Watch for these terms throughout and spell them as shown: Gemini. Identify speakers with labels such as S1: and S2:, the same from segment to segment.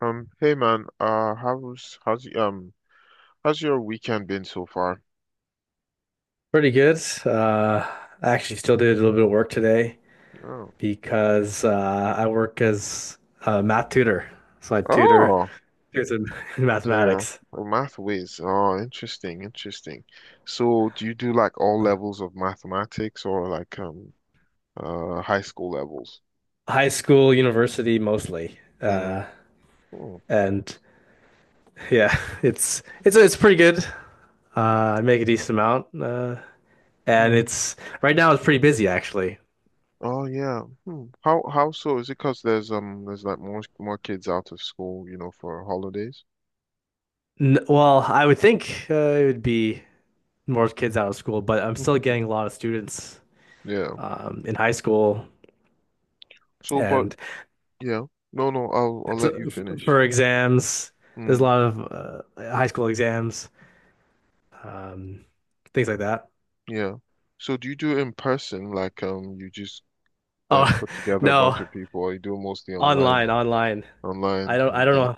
S1: Hey man, how's how's your weekend been so far?
S2: Pretty good. Uh, I actually still did a little bit of work today
S1: Oh,
S2: because I work as a math tutor. So I tutor
S1: oh,
S2: kids in
S1: so yeah,
S2: mathematics,
S1: oh, math whiz. Oh, interesting, interesting. So, do you do like all levels of mathematics or like high school levels?
S2: high school, university mostly.
S1: Mm. Oh,
S2: And yeah, it's pretty good. I make a decent amount, and
S1: mm.
S2: it's right now it's pretty busy actually.
S1: Oh yeah. Hmm. How so? Is it 'cause there's like more kids out of school, you know, for holidays?
S2: N Well, I would think it would be more kids out of school, but I'm still getting a lot of students
S1: Yeah.
S2: in high school,
S1: So, but
S2: and
S1: yeah, no, no, I'll let you finish.
S2: For exams, there's a
S1: Hmm.
S2: lot of high school exams, um, things like that.
S1: Yeah. So do you do it in person? Like you just
S2: Oh,
S1: put together a bunch
S2: no,
S1: of people or you do it mostly online?
S2: online.
S1: Online.
S2: I don't know.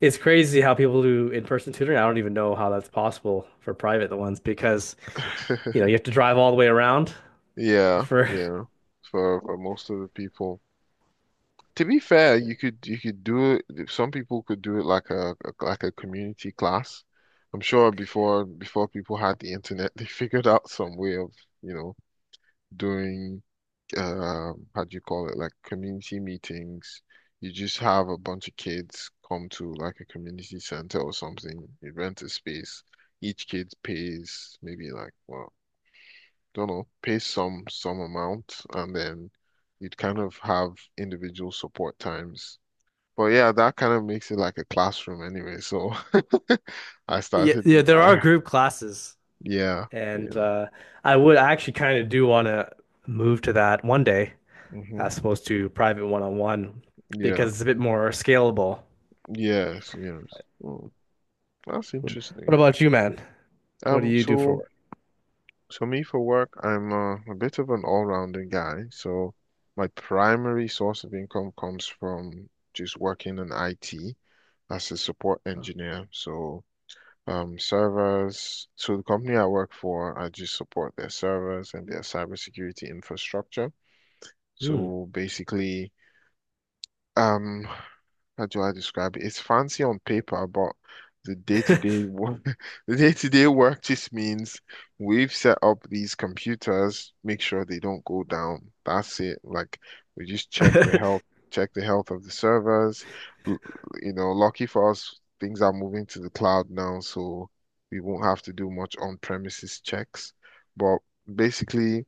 S2: It's crazy how people do in-person tutoring. I don't even know how that's possible for private ones because,
S1: Okay.
S2: you know, you have to drive all the way around
S1: Yeah,
S2: for,
S1: yeah. For most of the people. To be fair, you could you could do it, some people could do it like a community class. I'm sure before people had the internet, they figured out some way of, you know, doing how do you call it, like community meetings. You just have a bunch of kids come to like a community center or something. You rent a space. Each kid pays maybe like, well, don't know, pays some amount, and then you'd kind of have individual support times. But yeah, that kind of makes it like a classroom anyway. So I
S2: yeah,
S1: started,
S2: yeah, there are
S1: uh,
S2: group classes,
S1: yeah,
S2: and
S1: yeah,
S2: uh, I actually kind of do want to move to that one day
S1: hmm,
S2: as opposed to private one-on-one
S1: yeah,
S2: because it's a bit more scalable.
S1: yes, yes. Mm, that's
S2: What
S1: interesting.
S2: about you, man? What do
S1: Um,
S2: you do for
S1: so
S2: work?
S1: so me for work, I'm a bit of an all-rounder guy. So my primary source of income comes from just working in IT as a support engineer. So servers. So the company I work for, I just support their servers and their cybersecurity infrastructure.
S2: Mm.
S1: So basically, um how do I describe it? It's fancy on paper, but the day-to-day work, the day-to-day work just means we've set up these computers, make sure they don't go down. That's it. Like we just check the health of the servers. L- You know, lucky for us, things are moving to the cloud now, so we won't have to do much on-premises checks. But basically,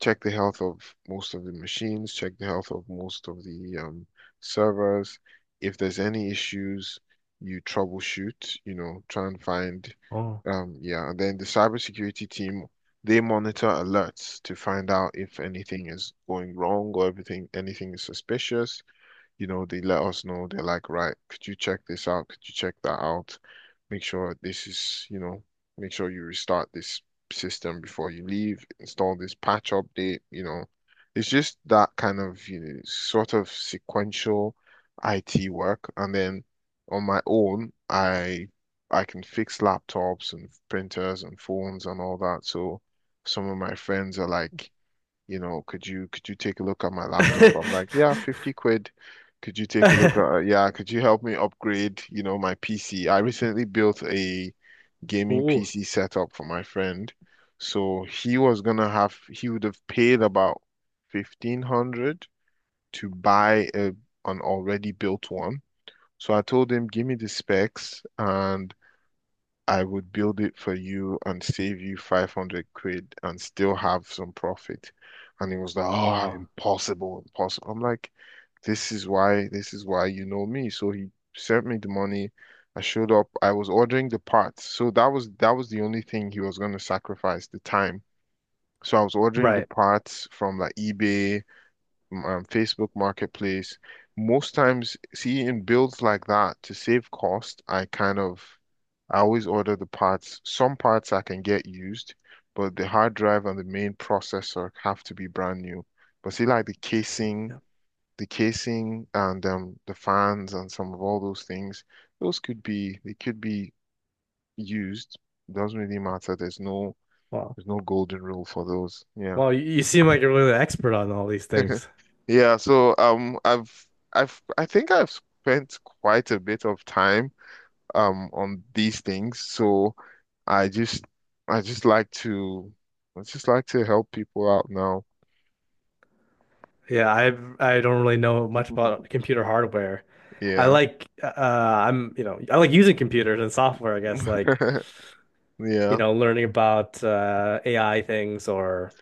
S1: check the health of most of the machines, check the health of most of the servers. If there's any issues, you troubleshoot, you know, try and find,
S2: Oh.
S1: yeah. And then the cybersecurity team, they monitor alerts to find out if anything is going wrong or everything, anything is suspicious, you know, they let us know. They're like, right, could you check this out? Could you check that out? Make sure this is, you know, make sure you restart this system before you leave. Install this patch update, you know. It's just that kind of, you know, sort of sequential IT work. And then on my own, I can fix laptops and printers and phones and all that. So some of my friends are like, you know, could you take a look at my laptop? I'm like, yeah, £50. Could you take a look at, yeah, could you help me upgrade, you know, my PC? I recently built a gaming
S2: Ooh.
S1: PC setup for my friend. So he would have paid about 1500 to buy an already built one. So I told him, give me the specs and I would build it for you and save you £500 and still have some profit. And he was like, oh,
S2: Wow.
S1: impossible, impossible. I'm like, this is why you know me. So he sent me the money. I showed up. I was ordering the parts. So that was the only thing he was going to sacrifice, the time. So I was ordering the
S2: Right.
S1: parts from like eBay, Facebook Marketplace. Most times, see, in builds like that, to save cost, I kind of I always order the parts. Some parts I can get used, but the hard drive and the main processor have to be brand new. But see, like
S2: Yeah. Yeah.
S1: the casing and the fans and some of all those things, those could be they could be used. It doesn't really matter.
S2: Wow.
S1: There's no golden rule for those. Yeah.
S2: Wow, you seem like you're really an expert on all these things.
S1: Yeah, so I've I think I've spent quite a bit of time on these things. So I just I just like to I just like to help people out now.
S2: Yeah, I don't really know much about computer hardware.
S1: Yeah.
S2: I'm, I like using computers and software, I guess, like, you
S1: Yeah.
S2: know, learning about AI things or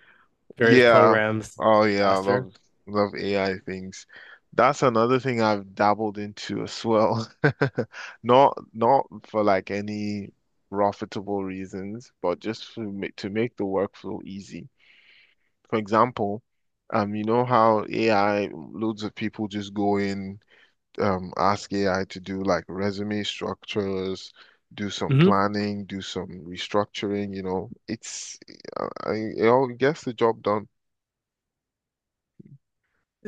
S2: various
S1: Yeah.
S2: programs to do
S1: Oh
S2: things
S1: yeah, I
S2: faster.
S1: love love AI things. That's another thing I've dabbled into as well. Not not for like any profitable reasons, but just to make the workflow easy. For example, you know how AI, loads of people just go in, ask AI to do like resume structures, do some
S2: Hmm.
S1: planning, do some restructuring, you know, it's, I, I it all gets the job done.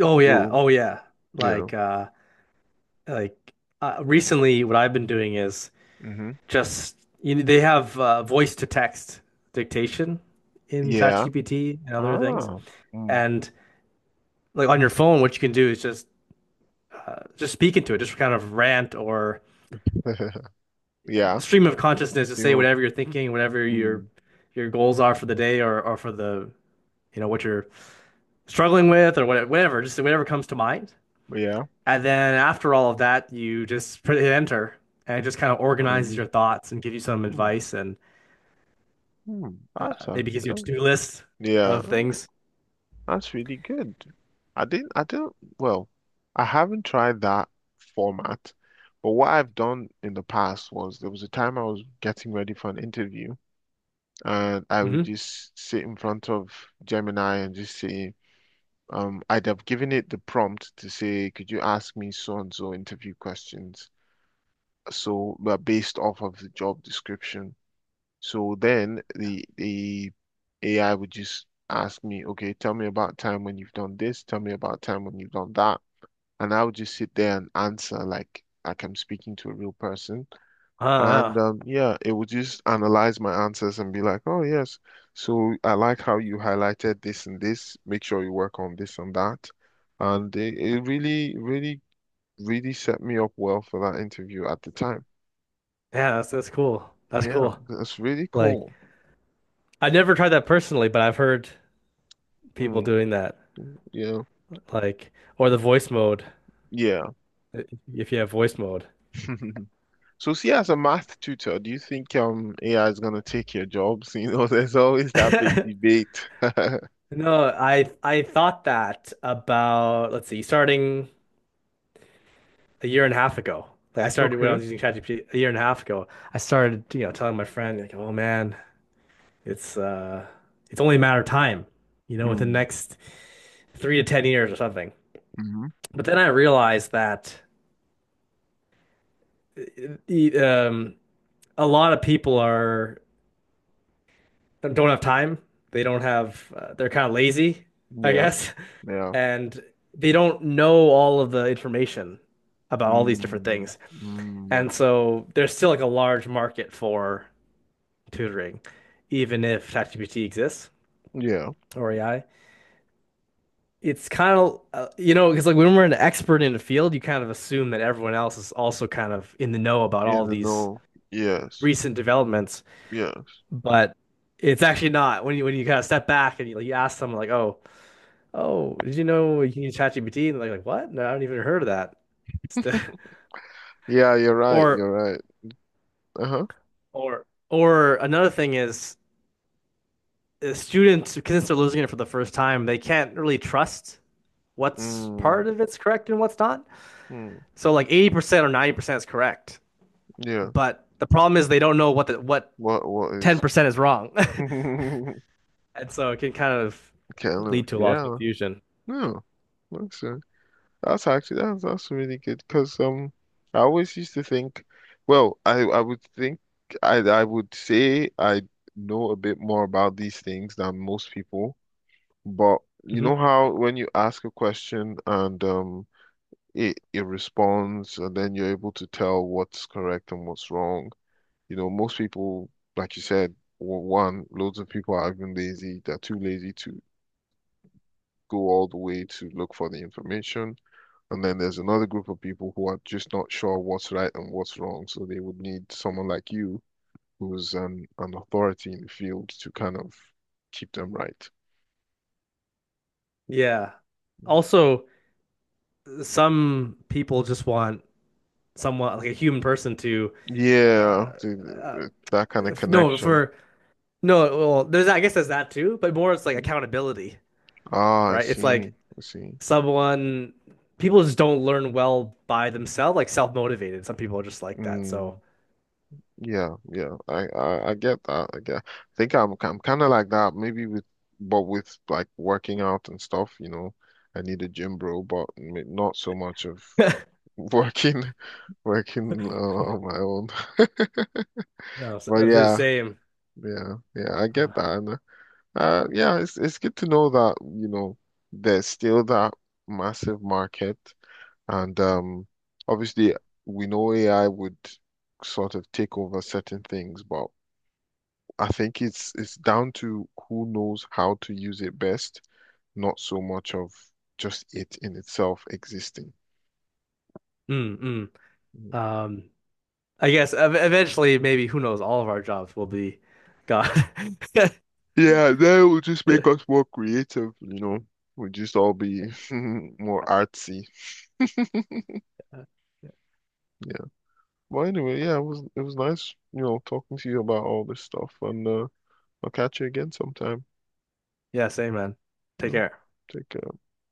S2: Oh yeah.
S1: So,
S2: Oh yeah.
S1: yeah.
S2: Like uh like recently what I've been doing is
S1: Mm-hmm.
S2: just, they have voice to text dictation in
S1: Yeah.
S2: ChatGPT and other things.
S1: Ah. Mm.
S2: And like on your phone, what you can do is just speak into it, just kind of rant or
S1: Yeah.
S2: stream of consciousness to
S1: You
S2: say
S1: know,
S2: whatever you're thinking, whatever
S1: mm.
S2: your goals are for the day or for the what you're struggling with, or whatever, whatever, just whatever comes to mind.
S1: Yeah.
S2: And then after all of that, you just put hit enter, and it just kind of
S1: I
S2: organizes your
S1: just,
S2: thoughts and give you some
S1: mm.
S2: advice, and
S1: Mm.
S2: Uh,
S1: That's
S2: maybe
S1: actually,
S2: gives you a to-do list
S1: yeah.
S2: of things.
S1: That's really good. I didn't, I don't, well, I haven't tried that format, but what I've done in the past was there was a time I was getting ready for an interview and I would
S2: Mm-hmm.
S1: just sit in front of Gemini and just say, I'd have given it the prompt to say, could you ask me so and so interview questions? So, but based off of the job description. So then the AI would just ask me, okay, tell me about time when you've done this, tell me about time when you've done that. And I would just sit there and answer like I'm speaking to a real person.
S2: Oh,
S1: And
S2: yeah.
S1: yeah, it would just analyze my answers and be like, oh yes, so I like how you highlighted this and this. Make sure you work on this and that. And really set me up well for that interview at the time.
S2: Yeah, that's cool. That's
S1: Yeah,
S2: cool.
S1: that's really
S2: Like,
S1: cool.
S2: I've never tried that personally, but I've heard people
S1: Mm,
S2: doing that.
S1: yeah,
S2: Like, or the voice mode,
S1: yeah.
S2: i- if you have voice mode.
S1: So, see, as a math tutor, do you think AI is gonna take your jobs? You know, there's always that big debate.
S2: No, I thought that about, let's see, starting a year and a half ago. Like, I started when I
S1: Okay.
S2: was using ChatGPT a year and a half ago. I started, telling my friend like, "Oh man, it's uh it's only a matter of time, you know, within the
S1: Mm,
S2: next 3 to 10 years or something."
S1: hmm.
S2: But then I realized that e- um, a lot of people are don't have time. They don't have. They're kind of lazy, I
S1: Yeah,
S2: guess,
S1: yeah.
S2: and they don't know all of the information about all these different
S1: Mm,
S2: things.
S1: mm,
S2: And so there's still like a large market for tutoring, even if ChatGPT exists
S1: yeah.
S2: or AI. It's kind of you know, because like, when we're an expert in a field, you kind of assume that everyone else is also kind of in the know about
S1: In
S2: all
S1: the
S2: these
S1: know. Yes.
S2: recent developments,
S1: Yes.
S2: but it's actually not. When you when you kind of step back and you, like, you ask someone like, "Oh, oh, did you know you can use ChatGPT?" And they're like, "What? No, I haven't even heard of that."
S1: Yeah, you're right.
S2: Or
S1: You're right. Uh-huh.
S2: or another thing is, students, because they're losing it for the first time, they can't really trust what's
S1: Mm,
S2: part of it's correct and what's not.
S1: mm,
S2: So like, 80% or 90% is correct,
S1: yeah.
S2: but the problem is they don't know what
S1: What is
S2: 10% is wrong.
S1: kind
S2: And so it can kind of
S1: of
S2: lead to a lot of
S1: yeah.
S2: confusion.
S1: No. Looks. That's actually, that's really good because I always used to think, well I I would think I would say I know a bit more about these things than most people, but you
S2: Hmm.
S1: know how when you ask a question and it it responds and then you're able to tell what's correct and what's wrong, you know, most people, like you said, w- one loads of people are even lazy, they're too lazy to go all the way to look for the information, and then there's another group of people who are just not sure what's right and what's wrong. So they would need someone like you, who's an authority in the field, to kind of keep them right.
S2: Yeah. Also, some people just want someone like a human person to. Uh,
S1: Yeah,
S2: uh
S1: that kind of
S2: if- no
S1: connection.
S2: for no Well, there's, I guess, there's that too, but more it's like
S1: Mhm.
S2: accountability.
S1: Ah, I
S2: Right, it's like
S1: see. I see.
S2: someone people just don't learn well by themselves, like self-motivated. Some people are just like that, so.
S1: Mm, yeah, yeah. I get that. I get. I think I'm kind of like that. Maybe with, but with like working out and stuff, you know, I need a gym bro, but not so much of
S2: No.
S1: working working on my own. But
S2: The
S1: yeah,
S2: same.
S1: yeah, yeah, I get
S2: uh,
S1: that. And, yeah, it's good to know that, you know, there's still that massive market. And obviously, we know AI would sort of take over certain things, but I think it's down to who knows how to use it best, not so much of just it in itself existing.
S2: mm,
S1: Mm.
S2: mm. um I guess eventually, maybe, who knows, all of our jobs will be gone.
S1: Yeah, that will just make us more creative, you know. We'll just all be more artsy. Yeah. Well, anyway, yeah, it was nice, you know, talking to you about all this stuff, and I'll catch you again sometime.
S2: Yeah, same, man.
S1: You
S2: Take
S1: know,
S2: care.
S1: take care.